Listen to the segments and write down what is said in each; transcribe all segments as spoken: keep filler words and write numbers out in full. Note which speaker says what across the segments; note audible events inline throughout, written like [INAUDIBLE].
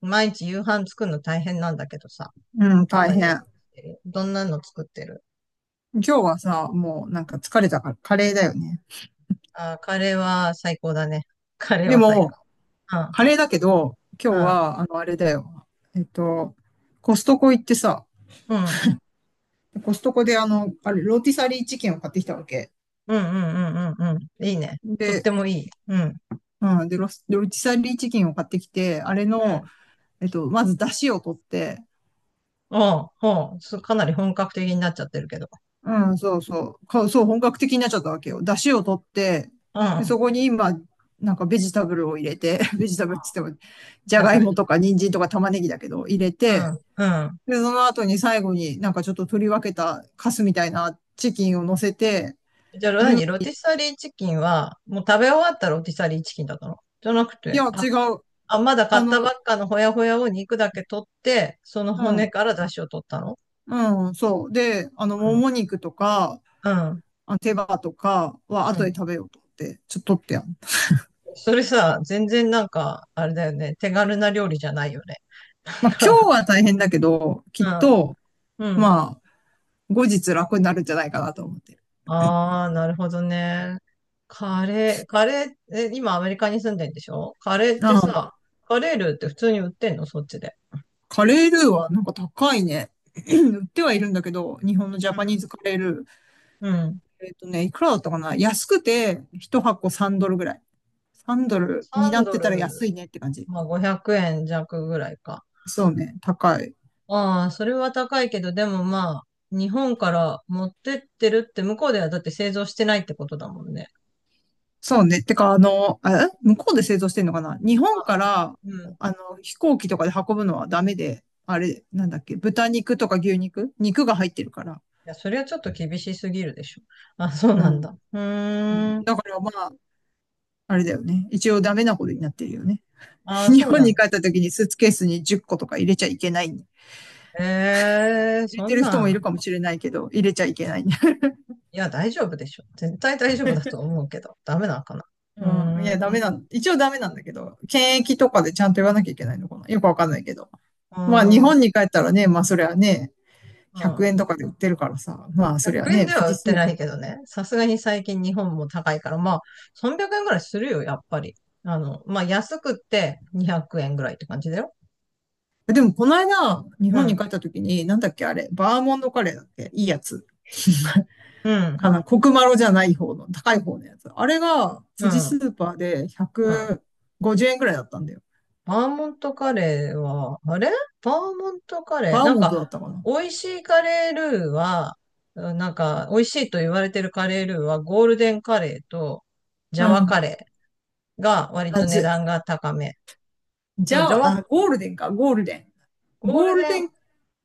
Speaker 1: 毎日夕飯作るの大変なんだけどさ。
Speaker 2: うん、
Speaker 1: どん
Speaker 2: 大
Speaker 1: な夕飯
Speaker 2: 変。
Speaker 1: 作ってるどんなの作ってる？
Speaker 2: 今日はさ、もうなんか疲れたからカレーだよね。
Speaker 1: あー、カレーは最高だね。[LAUGHS] カレー
Speaker 2: で
Speaker 1: は最
Speaker 2: も、
Speaker 1: 高。う
Speaker 2: カレーだけど、
Speaker 1: ん、
Speaker 2: 今
Speaker 1: う
Speaker 2: 日
Speaker 1: ん、
Speaker 2: は、あの、あれだよ。えっと、コストコ行ってさ、
Speaker 1: うん、
Speaker 2: コストコであの、あれ、ローティサリーチキンを買ってきたわけ。
Speaker 1: うん、うん、うん、うん。いいね。とっ
Speaker 2: で、
Speaker 1: てもいい。うん、
Speaker 2: うん、で、ロス、ローティサリーチキンを買ってきて、あれ
Speaker 1: う
Speaker 2: の、
Speaker 1: ん。
Speaker 2: えっと、まず出汁を取って、
Speaker 1: おう、おう、すかなり本格的になっちゃってるけど。
Speaker 2: うん、そうそう。か、そう、本格的になっちゃったわけよ。出汁を取って、
Speaker 1: う
Speaker 2: で、
Speaker 1: ん、
Speaker 2: そこに今、なんかベジタブルを入れて、[LAUGHS] ベジタブルって言っても、じゃ
Speaker 1: 野
Speaker 2: がいも
Speaker 1: 菜。
Speaker 2: とか人参とか玉ねぎだけど、入れ
Speaker 1: う
Speaker 2: て、
Speaker 1: ん、うん。
Speaker 2: で、その後に最後になんかちょっと取り分けたカスみたいなチキンを乗せて、
Speaker 1: じゃあ、何ロティサリーチキンは、もう食べ終わったロティサリーチキンだったのじゃなく
Speaker 2: いや、
Speaker 1: て、あ、
Speaker 2: 違う。
Speaker 1: あ、まだ買
Speaker 2: あ
Speaker 1: ったば
Speaker 2: の、
Speaker 1: っかのほやほやを肉だけ取って、その
Speaker 2: う
Speaker 1: 骨
Speaker 2: ん、
Speaker 1: から出汁を取ったの？
Speaker 2: うん、そう。で、あの、もも肉とか、
Speaker 1: うん。
Speaker 2: あ手羽とか
Speaker 1: う
Speaker 2: は後で
Speaker 1: ん。
Speaker 2: 食べようと思って、ちょっと取ってやん。
Speaker 1: それさ、全然なんか、あれだよね。手軽な料理じゃないよね。なん
Speaker 2: まあ、今
Speaker 1: か、
Speaker 2: 日は大変だけど、きっと、
Speaker 1: うん。うん。
Speaker 2: まあ、後日楽になるんじゃないかなと思ってる。
Speaker 1: ああ、なるほどね。カレー、カレー、え、今アメリカに住んでんでしょ？カレーって
Speaker 2: あ
Speaker 1: さ、カレールーって普通に売ってんのそっちで？
Speaker 2: カレールーはなんか高いね。[CLEARS THROAT] 売ってはいるんだけど、日本のジ
Speaker 1: う
Speaker 2: ャパニ
Speaker 1: ん。
Speaker 2: ーズカレールー。
Speaker 1: うん。
Speaker 2: えっとね、いくらだったかな、安くて、ひとはこ箱さんドルドルぐらい。さんドルドルに
Speaker 1: さん
Speaker 2: なっ
Speaker 1: ド
Speaker 2: てたら安
Speaker 1: ル、
Speaker 2: いねって感じ。
Speaker 1: まあごひゃくえん弱ぐらいか。
Speaker 2: そうね、高い。
Speaker 1: ああ、それは高いけど、でもまあ、日本から持ってってるって向こうではだって製造してないってことだもんね。
Speaker 2: そうね。てか、あの、え、向こうで製造してんのかな、日本
Speaker 1: あ、あ
Speaker 2: か
Speaker 1: の
Speaker 2: ら、
Speaker 1: うん。
Speaker 2: あの、飛行機とかで運ぶのはダメで、あれ、なんだっけ、豚肉とか牛肉、肉が入ってるから。
Speaker 1: や、それはちょっと厳しすぎるでしょ。あ、そう
Speaker 2: う
Speaker 1: なん
Speaker 2: ん。
Speaker 1: だ。う
Speaker 2: うん、
Speaker 1: ーん。
Speaker 2: だからまあ、あれだよね。一応ダメなことになってるよね。[LAUGHS]
Speaker 1: あ、
Speaker 2: 日
Speaker 1: そう
Speaker 2: 本
Speaker 1: なん
Speaker 2: に帰っ
Speaker 1: だ。
Speaker 2: た時にスーツケースにじゅっことか入れちゃいけない。入
Speaker 1: ええ
Speaker 2: れ
Speaker 1: そ
Speaker 2: て
Speaker 1: ん
Speaker 2: る人もい
Speaker 1: な
Speaker 2: る
Speaker 1: ん。
Speaker 2: かもしれないけど、入れちゃいけない。
Speaker 1: いや、大丈夫でしょ。絶対大丈夫だと思うけど。ダメなのかな。う
Speaker 2: [LAUGHS] うん。いや、ダ
Speaker 1: ー
Speaker 2: メな
Speaker 1: ん。
Speaker 2: ん、一応ダメなんだけど、検疫とかでちゃんと言わなきゃいけないのかな。よくわかんないけど。まあ、日
Speaker 1: あー、
Speaker 2: 本に帰ったらね、まあ、それはね、
Speaker 1: う
Speaker 2: 100
Speaker 1: ん。
Speaker 2: 円とかで売ってるからさ、まあ、それは
Speaker 1: ひゃくえん
Speaker 2: ね、
Speaker 1: で
Speaker 2: 富
Speaker 1: は売っ
Speaker 2: 士ス
Speaker 1: て
Speaker 2: ー
Speaker 1: ないけどね。さすがに最近日本も高いから、まあ、さんびゃくえんぐらいするよ、やっぱり。あの、まあ、安くってにひゃくえんぐらいって感じだよ。
Speaker 2: パーでも、この間、日
Speaker 1: う
Speaker 2: 本に
Speaker 1: ん。
Speaker 2: 帰った時に、なんだっけ、あれ、バーモンドカレーだっけ、いいやつ。
Speaker 1: うん。
Speaker 2: かな、コクマロじゃない方の、高い方のやつ。あれが、
Speaker 1: う
Speaker 2: 富士ス
Speaker 1: ん。
Speaker 2: ーパーで
Speaker 1: うん。
Speaker 2: ひゃくごじゅうえんく、ごじゅうえんくらいだったんだよ。
Speaker 1: バーモントカレーは、あれバーモントカレ
Speaker 2: バ
Speaker 1: ー。
Speaker 2: ー
Speaker 1: なん
Speaker 2: モン
Speaker 1: か、
Speaker 2: トだったかな。
Speaker 1: 美味しいカレールーは、うんなんか、美味しいと言われてるカレールーは、ゴールデンカレーと、ジャ
Speaker 2: う
Speaker 1: ワ
Speaker 2: ん。
Speaker 1: カレーが割
Speaker 2: あ、
Speaker 1: と
Speaker 2: じ
Speaker 1: 値
Speaker 2: ゃ、
Speaker 1: 段が高め。
Speaker 2: じ
Speaker 1: と、
Speaker 2: ゃ
Speaker 1: ジャ
Speaker 2: あ、
Speaker 1: ワ、
Speaker 2: あゴールデンか、ゴールデン。
Speaker 1: ゴー
Speaker 2: ゴー
Speaker 1: ル
Speaker 2: ル
Speaker 1: デ
Speaker 2: デ
Speaker 1: ン
Speaker 2: ン、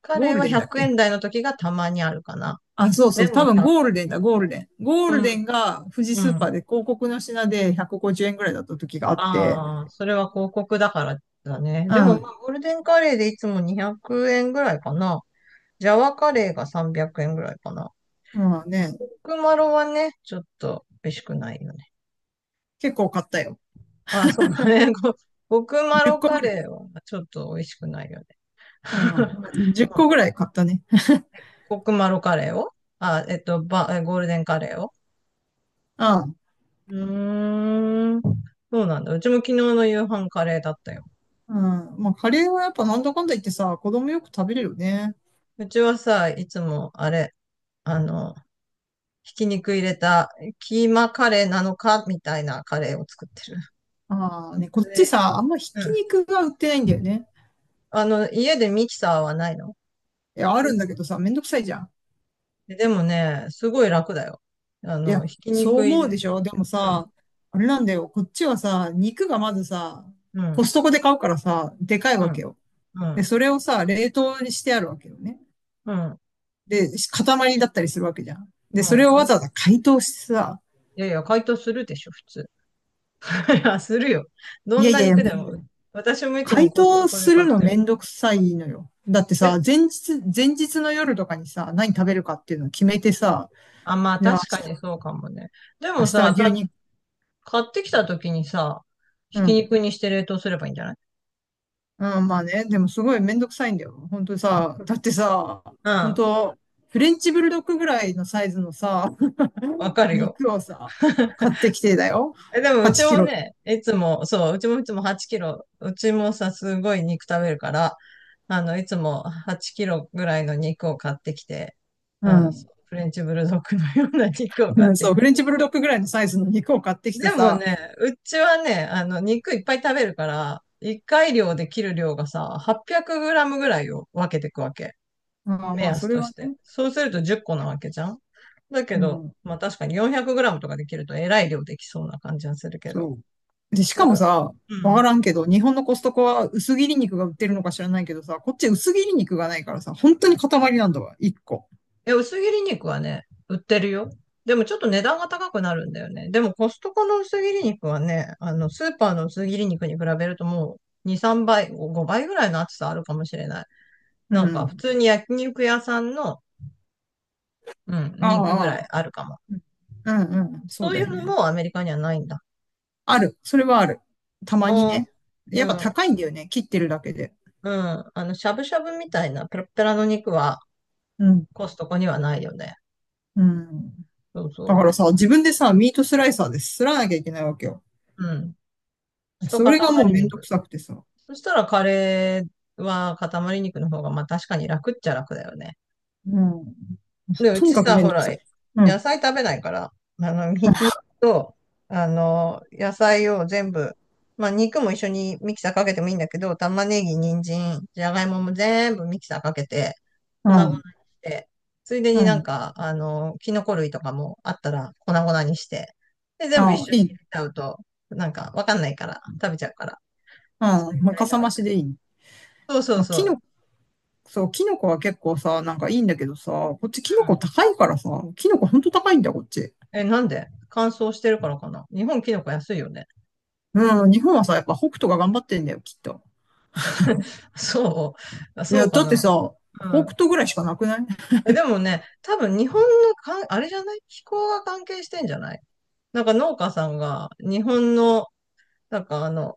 Speaker 1: カ
Speaker 2: ゴー
Speaker 1: レー
Speaker 2: ル
Speaker 1: は
Speaker 2: デンだっ
Speaker 1: ひゃくえん
Speaker 2: け？
Speaker 1: 台の時がたまにあるかな。
Speaker 2: あ、そうそ
Speaker 1: で
Speaker 2: う、
Speaker 1: も
Speaker 2: 多
Speaker 1: いち。
Speaker 2: 分ゴールデンだ、ゴールデン。ゴー
Speaker 1: う
Speaker 2: ルデ
Speaker 1: ん、
Speaker 2: ンが富士
Speaker 1: う
Speaker 2: スーパ
Speaker 1: ん。
Speaker 2: ーで広告の品でひゃくごじゅうえんく、ごじゅうえんくらいだった時があって、
Speaker 1: ああ、それは広告だからだね。
Speaker 2: う
Speaker 1: でも、ま
Speaker 2: ん。
Speaker 1: あ、ゴールデンカレーでいつもにひゃくえんぐらいかな。ジャワカレーがさんびゃくえんぐらいかな。
Speaker 2: まあね、
Speaker 1: クマロはね、ちょっと美味しくないよね。
Speaker 2: 結構買ったよ。
Speaker 1: あ、そうだね。[LAUGHS] ごコクマ
Speaker 2: 10
Speaker 1: ロ
Speaker 2: 個
Speaker 1: カ
Speaker 2: ぐらい。
Speaker 1: レーはちょっと美味しくないよね。
Speaker 2: う
Speaker 1: [LAUGHS]
Speaker 2: ん。いっこぐらい買ったね。
Speaker 1: コクマロカレーをあ、えっと、ば、えゴールデンカレーを。
Speaker 2: うん。
Speaker 1: うーん。そうなんだ。うちも昨日の夕飯カレーだったよ。
Speaker 2: うん。まあ、カレーはやっぱなんだかんだ言ってさ、子供よく食べれるよね。
Speaker 1: うちはさ、いつもあれ、あの、ひき肉入れたキーマカレーなのかみたいなカレーを作ってる。
Speaker 2: ああね、こっち
Speaker 1: で、
Speaker 2: さ、あんまひ
Speaker 1: う
Speaker 2: き
Speaker 1: ん。
Speaker 2: 肉が売ってないんだよね。
Speaker 1: あの、家でミキサーはないの？
Speaker 2: いや、ある
Speaker 1: ミ
Speaker 2: んだけどさ、めんどくさいじゃん。
Speaker 1: ででもね、すごい楽だよ。あ
Speaker 2: い
Speaker 1: の、
Speaker 2: や、
Speaker 1: ひき
Speaker 2: そう
Speaker 1: 肉い
Speaker 2: 思う
Speaker 1: る？
Speaker 2: でしょ、でも
Speaker 1: うん、
Speaker 2: さ、あれなんだよ。こっちはさ、肉がまずさ、
Speaker 1: う
Speaker 2: コ
Speaker 1: ん、
Speaker 2: ストコで買うからさ、でかい
Speaker 1: う
Speaker 2: わけ
Speaker 1: ん、
Speaker 2: よ。
Speaker 1: う
Speaker 2: で、
Speaker 1: ん、
Speaker 2: それをさ、冷凍にしてあるわけよね。
Speaker 1: うん、
Speaker 2: で、塊だったりするわけじゃん。
Speaker 1: う
Speaker 2: で、そ
Speaker 1: ん。
Speaker 2: れをわ
Speaker 1: か
Speaker 2: ざわざ解凍してさ、
Speaker 1: いやいや、解凍するでしょ、普通。[LAUGHS] いや、するよ。ど
Speaker 2: いや
Speaker 1: ん
Speaker 2: い
Speaker 1: な
Speaker 2: やいや、
Speaker 1: 肉
Speaker 2: め
Speaker 1: でも。
Speaker 2: ん
Speaker 1: 私もいつ
Speaker 2: 解
Speaker 1: もコス
Speaker 2: 凍
Speaker 1: トコ
Speaker 2: す
Speaker 1: で買
Speaker 2: る
Speaker 1: っ
Speaker 2: の
Speaker 1: て
Speaker 2: め
Speaker 1: る。
Speaker 2: んどくさいのよ。だって
Speaker 1: え、
Speaker 2: さ、前日、前日の夜とかにさ、何食べるかっていうのを決めてさ、
Speaker 1: あ、まあ
Speaker 2: じゃあ
Speaker 1: 確かにそうかもね。
Speaker 2: 明日、
Speaker 1: で
Speaker 2: 明
Speaker 1: も
Speaker 2: 日は
Speaker 1: さ、
Speaker 2: 牛
Speaker 1: た、
Speaker 2: 肉、
Speaker 1: 買ってきた時にさ、ひ
Speaker 2: う
Speaker 1: き
Speaker 2: ん。
Speaker 1: 肉にして冷凍すればいいんじゃない？
Speaker 2: うん、まあね、でもすごいめんどくさいんだよ。本当さ、だってさ、
Speaker 1: う
Speaker 2: 本
Speaker 1: ん、
Speaker 2: 当フレンチブルドッグぐらいのサイズのさ、
Speaker 1: わか
Speaker 2: [LAUGHS]
Speaker 1: るよ。
Speaker 2: 肉をさ、買ってきてだよ。
Speaker 1: え、でもうち
Speaker 2: 8キ
Speaker 1: も
Speaker 2: ロ。
Speaker 1: ね、いつも、そう、うちもいつもはちキロ、うちもさ、すごい肉食べるから、あの、いつもはちキロぐらいの肉を買ってきて、
Speaker 2: う
Speaker 1: うん、そ
Speaker 2: ん。
Speaker 1: うフレンチブルドッグのような肉を買
Speaker 2: う
Speaker 1: っ
Speaker 2: ん、
Speaker 1: て
Speaker 2: そ
Speaker 1: き
Speaker 2: う、フ
Speaker 1: て。
Speaker 2: レンチブルドッグぐらいのサイズの肉を買ってきて
Speaker 1: でも
Speaker 2: さ、
Speaker 1: ね、うちはね、あの、肉いっぱい食べるから、いっかい量で切る量がさ、はっぴゃくグラムぐらいを分けていくわけ。
Speaker 2: ああ、
Speaker 1: 目
Speaker 2: まあ、
Speaker 1: 安
Speaker 2: それ
Speaker 1: と
Speaker 2: は
Speaker 1: して。
Speaker 2: ね、
Speaker 1: そうするとじゅっこなわけじゃん。だけ
Speaker 2: う
Speaker 1: ど、
Speaker 2: ん。
Speaker 1: まあ確かによんひゃくグラムとかできるとえらい量できそうな感じはするけど。
Speaker 2: そう。で、し
Speaker 1: な
Speaker 2: か
Speaker 1: ん
Speaker 2: も
Speaker 1: か、
Speaker 2: さ、
Speaker 1: う
Speaker 2: わか
Speaker 1: ん。
Speaker 2: らんけど、日本のコストコは薄切り肉が売ってるのか知らないけどさ、こっち薄切り肉がないからさ、本当に塊なんだわ、一個。
Speaker 1: え、薄切り肉はね、売ってるよ。でもちょっと値段が高くなるんだよね。でもコストコの薄切り肉はね、あの、スーパーの薄切り肉に比べるともうに、さんばい、ごばいぐらいの厚さあるかもしれない。
Speaker 2: う
Speaker 1: なんか普
Speaker 2: ん。
Speaker 1: 通に焼肉屋さんの、うん、肉ぐ
Speaker 2: あ
Speaker 1: ら
Speaker 2: あ、
Speaker 1: いあるかも。
Speaker 2: うんうんうん、そう
Speaker 1: そうい
Speaker 2: だよ
Speaker 1: うの
Speaker 2: ね。
Speaker 1: もアメリカにはないんだ。
Speaker 2: ある。それはある。たまに
Speaker 1: ああ、
Speaker 2: ね。やっ
Speaker 1: う
Speaker 2: ぱ
Speaker 1: ん、
Speaker 2: 高いんだよね、切ってるだけで。
Speaker 1: うん。あの、しゃぶしゃぶみたいなペラペラの肉は
Speaker 2: うん。
Speaker 1: コストコにはないよね。
Speaker 2: うん。
Speaker 1: そう
Speaker 2: だ
Speaker 1: そう。
Speaker 2: から
Speaker 1: ね、
Speaker 2: さ、自分でさ、ミートスライサーで擦らなきゃいけないわけよ。
Speaker 1: うん。一
Speaker 2: それがもう
Speaker 1: 塊
Speaker 2: めんどく
Speaker 1: 肉。
Speaker 2: さくてさ。
Speaker 1: そしたらカレーは塊肉の方が、まあ確かに楽っちゃ楽だよね。
Speaker 2: うん。
Speaker 1: で、う
Speaker 2: とに
Speaker 1: ち
Speaker 2: かく
Speaker 1: さ、
Speaker 2: めん
Speaker 1: ほ
Speaker 2: どく
Speaker 1: ら、
Speaker 2: さい。う
Speaker 1: 野
Speaker 2: ん。
Speaker 1: 菜食べないから、あの、ひき肉と、あの、野菜を全部、まあ肉も一緒にミキサーかけてもいいんだけど、玉ねぎ、人参、じゃがいもも全部ミキサーかけて、
Speaker 2: う
Speaker 1: 粉々にし
Speaker 2: ん。
Speaker 1: て、ついで
Speaker 2: う
Speaker 1: になん
Speaker 2: ん。
Speaker 1: か、あの、キノコ類とかもあったら粉々にして、で、全部一
Speaker 2: ああ、
Speaker 1: 緒に
Speaker 2: い
Speaker 1: 入
Speaker 2: い。
Speaker 1: れちゃうと、なんかわかんないから、食べちゃうから、
Speaker 2: う
Speaker 1: それ
Speaker 2: ん。
Speaker 1: ぐ
Speaker 2: まあ、
Speaker 1: らい
Speaker 2: か
Speaker 1: な
Speaker 2: さ
Speaker 1: ら。
Speaker 2: 増しでいいね。
Speaker 1: そうそう
Speaker 2: まあ、
Speaker 1: そ
Speaker 2: キノ
Speaker 1: う。
Speaker 2: コ、そう、キノコは結構さ、なんかいいんだけどさ、こっちキノコ高いからさ、キノコほんと高いんだよ、こっち。
Speaker 1: え、なんで乾燥してるからかな？日本キノコ安いよね。
Speaker 2: うん、日本はさ、やっぱ北斗が頑張ってんだよ、きっと。
Speaker 1: [LAUGHS] そう。あ
Speaker 2: い
Speaker 1: そ
Speaker 2: や、
Speaker 1: うか
Speaker 2: だって
Speaker 1: な。
Speaker 2: さ、
Speaker 1: う
Speaker 2: 北
Speaker 1: ん。
Speaker 2: 斗ぐらいしかなくない？ [LAUGHS]
Speaker 1: え、でもね、多分日本のかん、あれじゃない？気候が関係してんじゃない？なんか農家さんが日本の、なんかあの、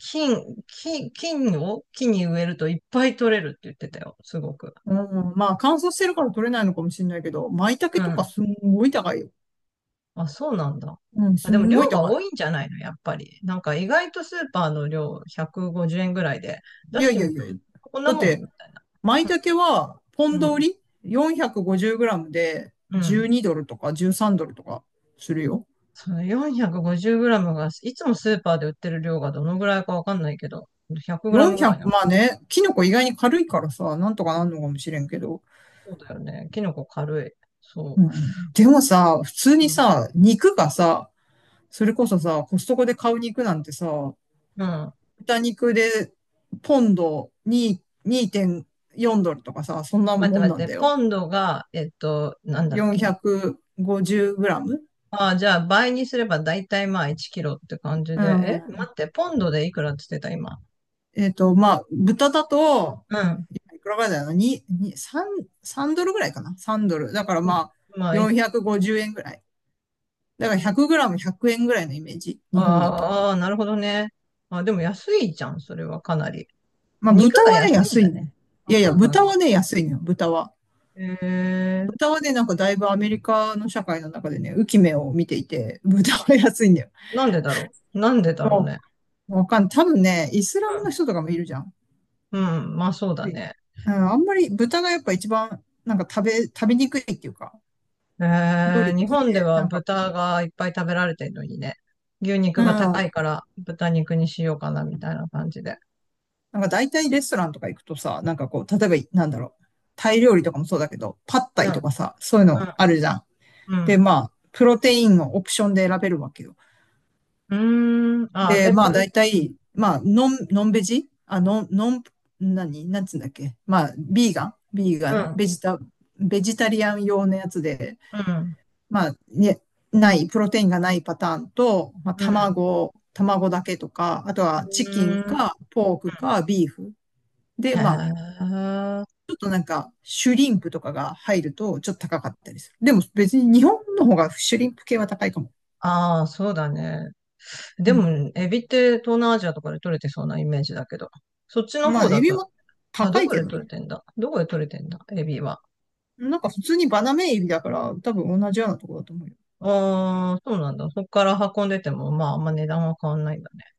Speaker 1: 金、金、金を木に植えるといっぱい取れるって言ってたよ。すごく。
Speaker 2: うん、まあ乾燥してるから取れないのかもしれないけど、舞
Speaker 1: う
Speaker 2: 茸とか
Speaker 1: ん。
Speaker 2: すんごい高いよ。
Speaker 1: あ、そうなんだ。
Speaker 2: うん、
Speaker 1: あ、
Speaker 2: す
Speaker 1: でも
Speaker 2: んご
Speaker 1: 量
Speaker 2: い
Speaker 1: が
Speaker 2: 高い。
Speaker 1: 多いんじゃないのやっぱり。なんか意外とスーパーの量ひゃくごじゅうえんぐらいで出
Speaker 2: い
Speaker 1: し
Speaker 2: やい
Speaker 1: てみ
Speaker 2: や
Speaker 1: る。
Speaker 2: い
Speaker 1: と
Speaker 2: やいや。
Speaker 1: こんな
Speaker 2: だっ
Speaker 1: もん
Speaker 2: て、
Speaker 1: みたいな。
Speaker 2: 舞
Speaker 1: う
Speaker 2: 茸は、ポン
Speaker 1: ん。う
Speaker 2: ド売
Speaker 1: ん
Speaker 2: り？ よんひゃくごじゅう グラムで
Speaker 1: うん。
Speaker 2: じゅうにドルとかじゅうさんドルとかするよ。
Speaker 1: そのよん ご れいムが、いつもスーパーで売ってる量がどのぐらいかわかんないけど、いち ぜろ ぜろムぐらいな
Speaker 2: よんひゃく、
Speaker 1: の。
Speaker 2: まあね、キノコ意外に軽いからさ、なんとかなんのかもしれんけど。
Speaker 1: そうだよね。キノコ軽い。
Speaker 2: う
Speaker 1: そ
Speaker 2: ん、で
Speaker 1: う。う
Speaker 2: も
Speaker 1: ん。
Speaker 2: さ、普通に
Speaker 1: うん。
Speaker 2: さ、肉がさ、それこそさ、コストコで買う肉なんてさ、
Speaker 1: うん。
Speaker 2: 豚肉でポンドに、 にてんよんドルとかさ、そんな
Speaker 1: 待って
Speaker 2: もん
Speaker 1: 待
Speaker 2: なん
Speaker 1: っ
Speaker 2: だ
Speaker 1: て、
Speaker 2: よ。
Speaker 1: ポンドが、えっと、なんだっけ。
Speaker 2: よんひゃくごじゅうグラム、
Speaker 1: ああ、じゃあ倍にすれば大体まあいちキロって感じ
Speaker 2: う
Speaker 1: で。え待
Speaker 2: ん。
Speaker 1: って、ポンドでいくらって言ってた、今？
Speaker 2: えっと、まあ、豚だと、
Speaker 1: うん。
Speaker 2: いくらぐらいだよな、に、さん、さんドルぐらいかな？ さん ドル。だからまあ、
Speaker 1: まあ、い
Speaker 2: よんひゃくごじゅうえんぐらい。だからいち れい ゼロム、いち れい ゼロえんぐらいのイメージ。
Speaker 1: あ
Speaker 2: 日本だと。
Speaker 1: ーあー、なるほどね。あ、でも安いじゃん、それはかなり。
Speaker 2: まあ、
Speaker 1: 肉
Speaker 2: 豚
Speaker 1: が
Speaker 2: はね、
Speaker 1: 安いん
Speaker 2: 安
Speaker 1: だ
Speaker 2: い
Speaker 1: ね。
Speaker 2: ね。い
Speaker 1: あ、
Speaker 2: やい
Speaker 1: そ
Speaker 2: や、
Speaker 1: うなん
Speaker 2: 豚
Speaker 1: だ。
Speaker 2: はね、安いのよ、豚は。
Speaker 1: へえ。
Speaker 2: 豚はね、なんかだいぶアメリカの社会の中でね、浮き目を見ていて、豚は安いんだよ。
Speaker 1: なんでだろう。なんでだろう
Speaker 2: も
Speaker 1: ね。
Speaker 2: う、わかんない。多分ね、イスラムの人とかもいるじゃん。
Speaker 1: うん、うんまあそうだ
Speaker 2: で、
Speaker 1: ね。
Speaker 2: うん、あんまり豚がやっぱ一番、なんか食べ、食べにくいっていうか、料
Speaker 1: え
Speaker 2: 理
Speaker 1: ー、
Speaker 2: と
Speaker 1: 日
Speaker 2: し
Speaker 1: 本で
Speaker 2: て、
Speaker 1: は
Speaker 2: なんか、
Speaker 1: 豚がいっぱい食べられてるのにね。牛肉
Speaker 2: うん、
Speaker 1: が高
Speaker 2: な
Speaker 1: いから豚肉にしようかなみたいな感じで。
Speaker 2: んか大体レストランとか行くとさ、なんかこう、例えば、なんだろう、タイ料理とかもそうだけど、パッ
Speaker 1: う
Speaker 2: タ
Speaker 1: ん、
Speaker 2: イと
Speaker 1: う
Speaker 2: かさ、そういうのあるじゃん。で、
Speaker 1: ん。
Speaker 2: まあ、プロテインをオプションで選べるわけよ。
Speaker 1: うん。うーん。あ、
Speaker 2: で、
Speaker 1: え、
Speaker 2: ま
Speaker 1: ぷ
Speaker 2: あ、
Speaker 1: る、
Speaker 2: 大
Speaker 1: うん。
Speaker 2: 体、まあ、ノン、ノンベジあ、ノン、ノン、何なんつうんだっけ、まあ、ビーガンビーガ
Speaker 1: う
Speaker 2: ン
Speaker 1: ん、
Speaker 2: ベジタ、ベジタリアン用のやつで、
Speaker 1: うん。
Speaker 2: まあ、ね、ない、プロテインがないパターンと、まあ、
Speaker 1: うん。
Speaker 2: 卵、卵だけとか、あと
Speaker 1: う
Speaker 2: はチキン
Speaker 1: ん。
Speaker 2: か、ポークか、ビーフ。で、
Speaker 1: へ
Speaker 2: まあ、
Speaker 1: え。
Speaker 2: ちょっとなんか、シュリンプとかが入ると、ちょっと高かったりする。でも別に日本の方がシュリンプ系は高いかも。
Speaker 1: ああ、そうだね。
Speaker 2: う
Speaker 1: で
Speaker 2: ん、
Speaker 1: も、エビって東南アジアとかで取れてそうなイメージだけど。そっちの
Speaker 2: まあ、
Speaker 1: 方
Speaker 2: エ
Speaker 1: だ
Speaker 2: ビ
Speaker 1: と、
Speaker 2: も
Speaker 1: あ、
Speaker 2: 高
Speaker 1: ど
Speaker 2: い
Speaker 1: こ
Speaker 2: け
Speaker 1: で
Speaker 2: ど
Speaker 1: 取れ
Speaker 2: ね。
Speaker 1: てんだどこで取れてんだエビは？
Speaker 2: なんか普通にバナメイエビだから、多分同じようなところだと思うよ。
Speaker 1: ああ、そうなんだ。そこから運んでても、まあ、あんま値段は変わんないんだね。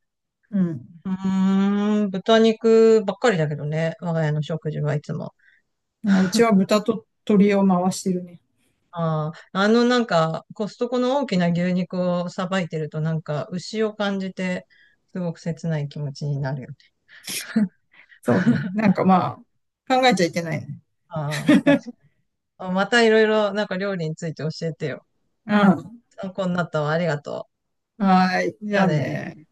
Speaker 2: うん。
Speaker 1: うーん、豚肉ばっかりだけどね、我が家の食事はいつも。
Speaker 2: うちは豚と鶏を回してるね。
Speaker 1: ああ、あのなんか、コストコの大きな牛肉をさばいてると、なんか、牛を感じて、すごく切ない気持ちになるよね。
Speaker 2: そうね。
Speaker 1: [LAUGHS]
Speaker 2: なんかまあ、考えちゃいけないね。
Speaker 1: ああ、確
Speaker 2: [LAUGHS]
Speaker 1: かに。またいろいろ、なんか料理について教えてよ。
Speaker 2: うん。
Speaker 1: 参考になったわ。ありがと
Speaker 2: はい。
Speaker 1: う。
Speaker 2: じ
Speaker 1: じゃ
Speaker 2: ゃ
Speaker 1: あ
Speaker 2: あ
Speaker 1: ね。
Speaker 2: ね。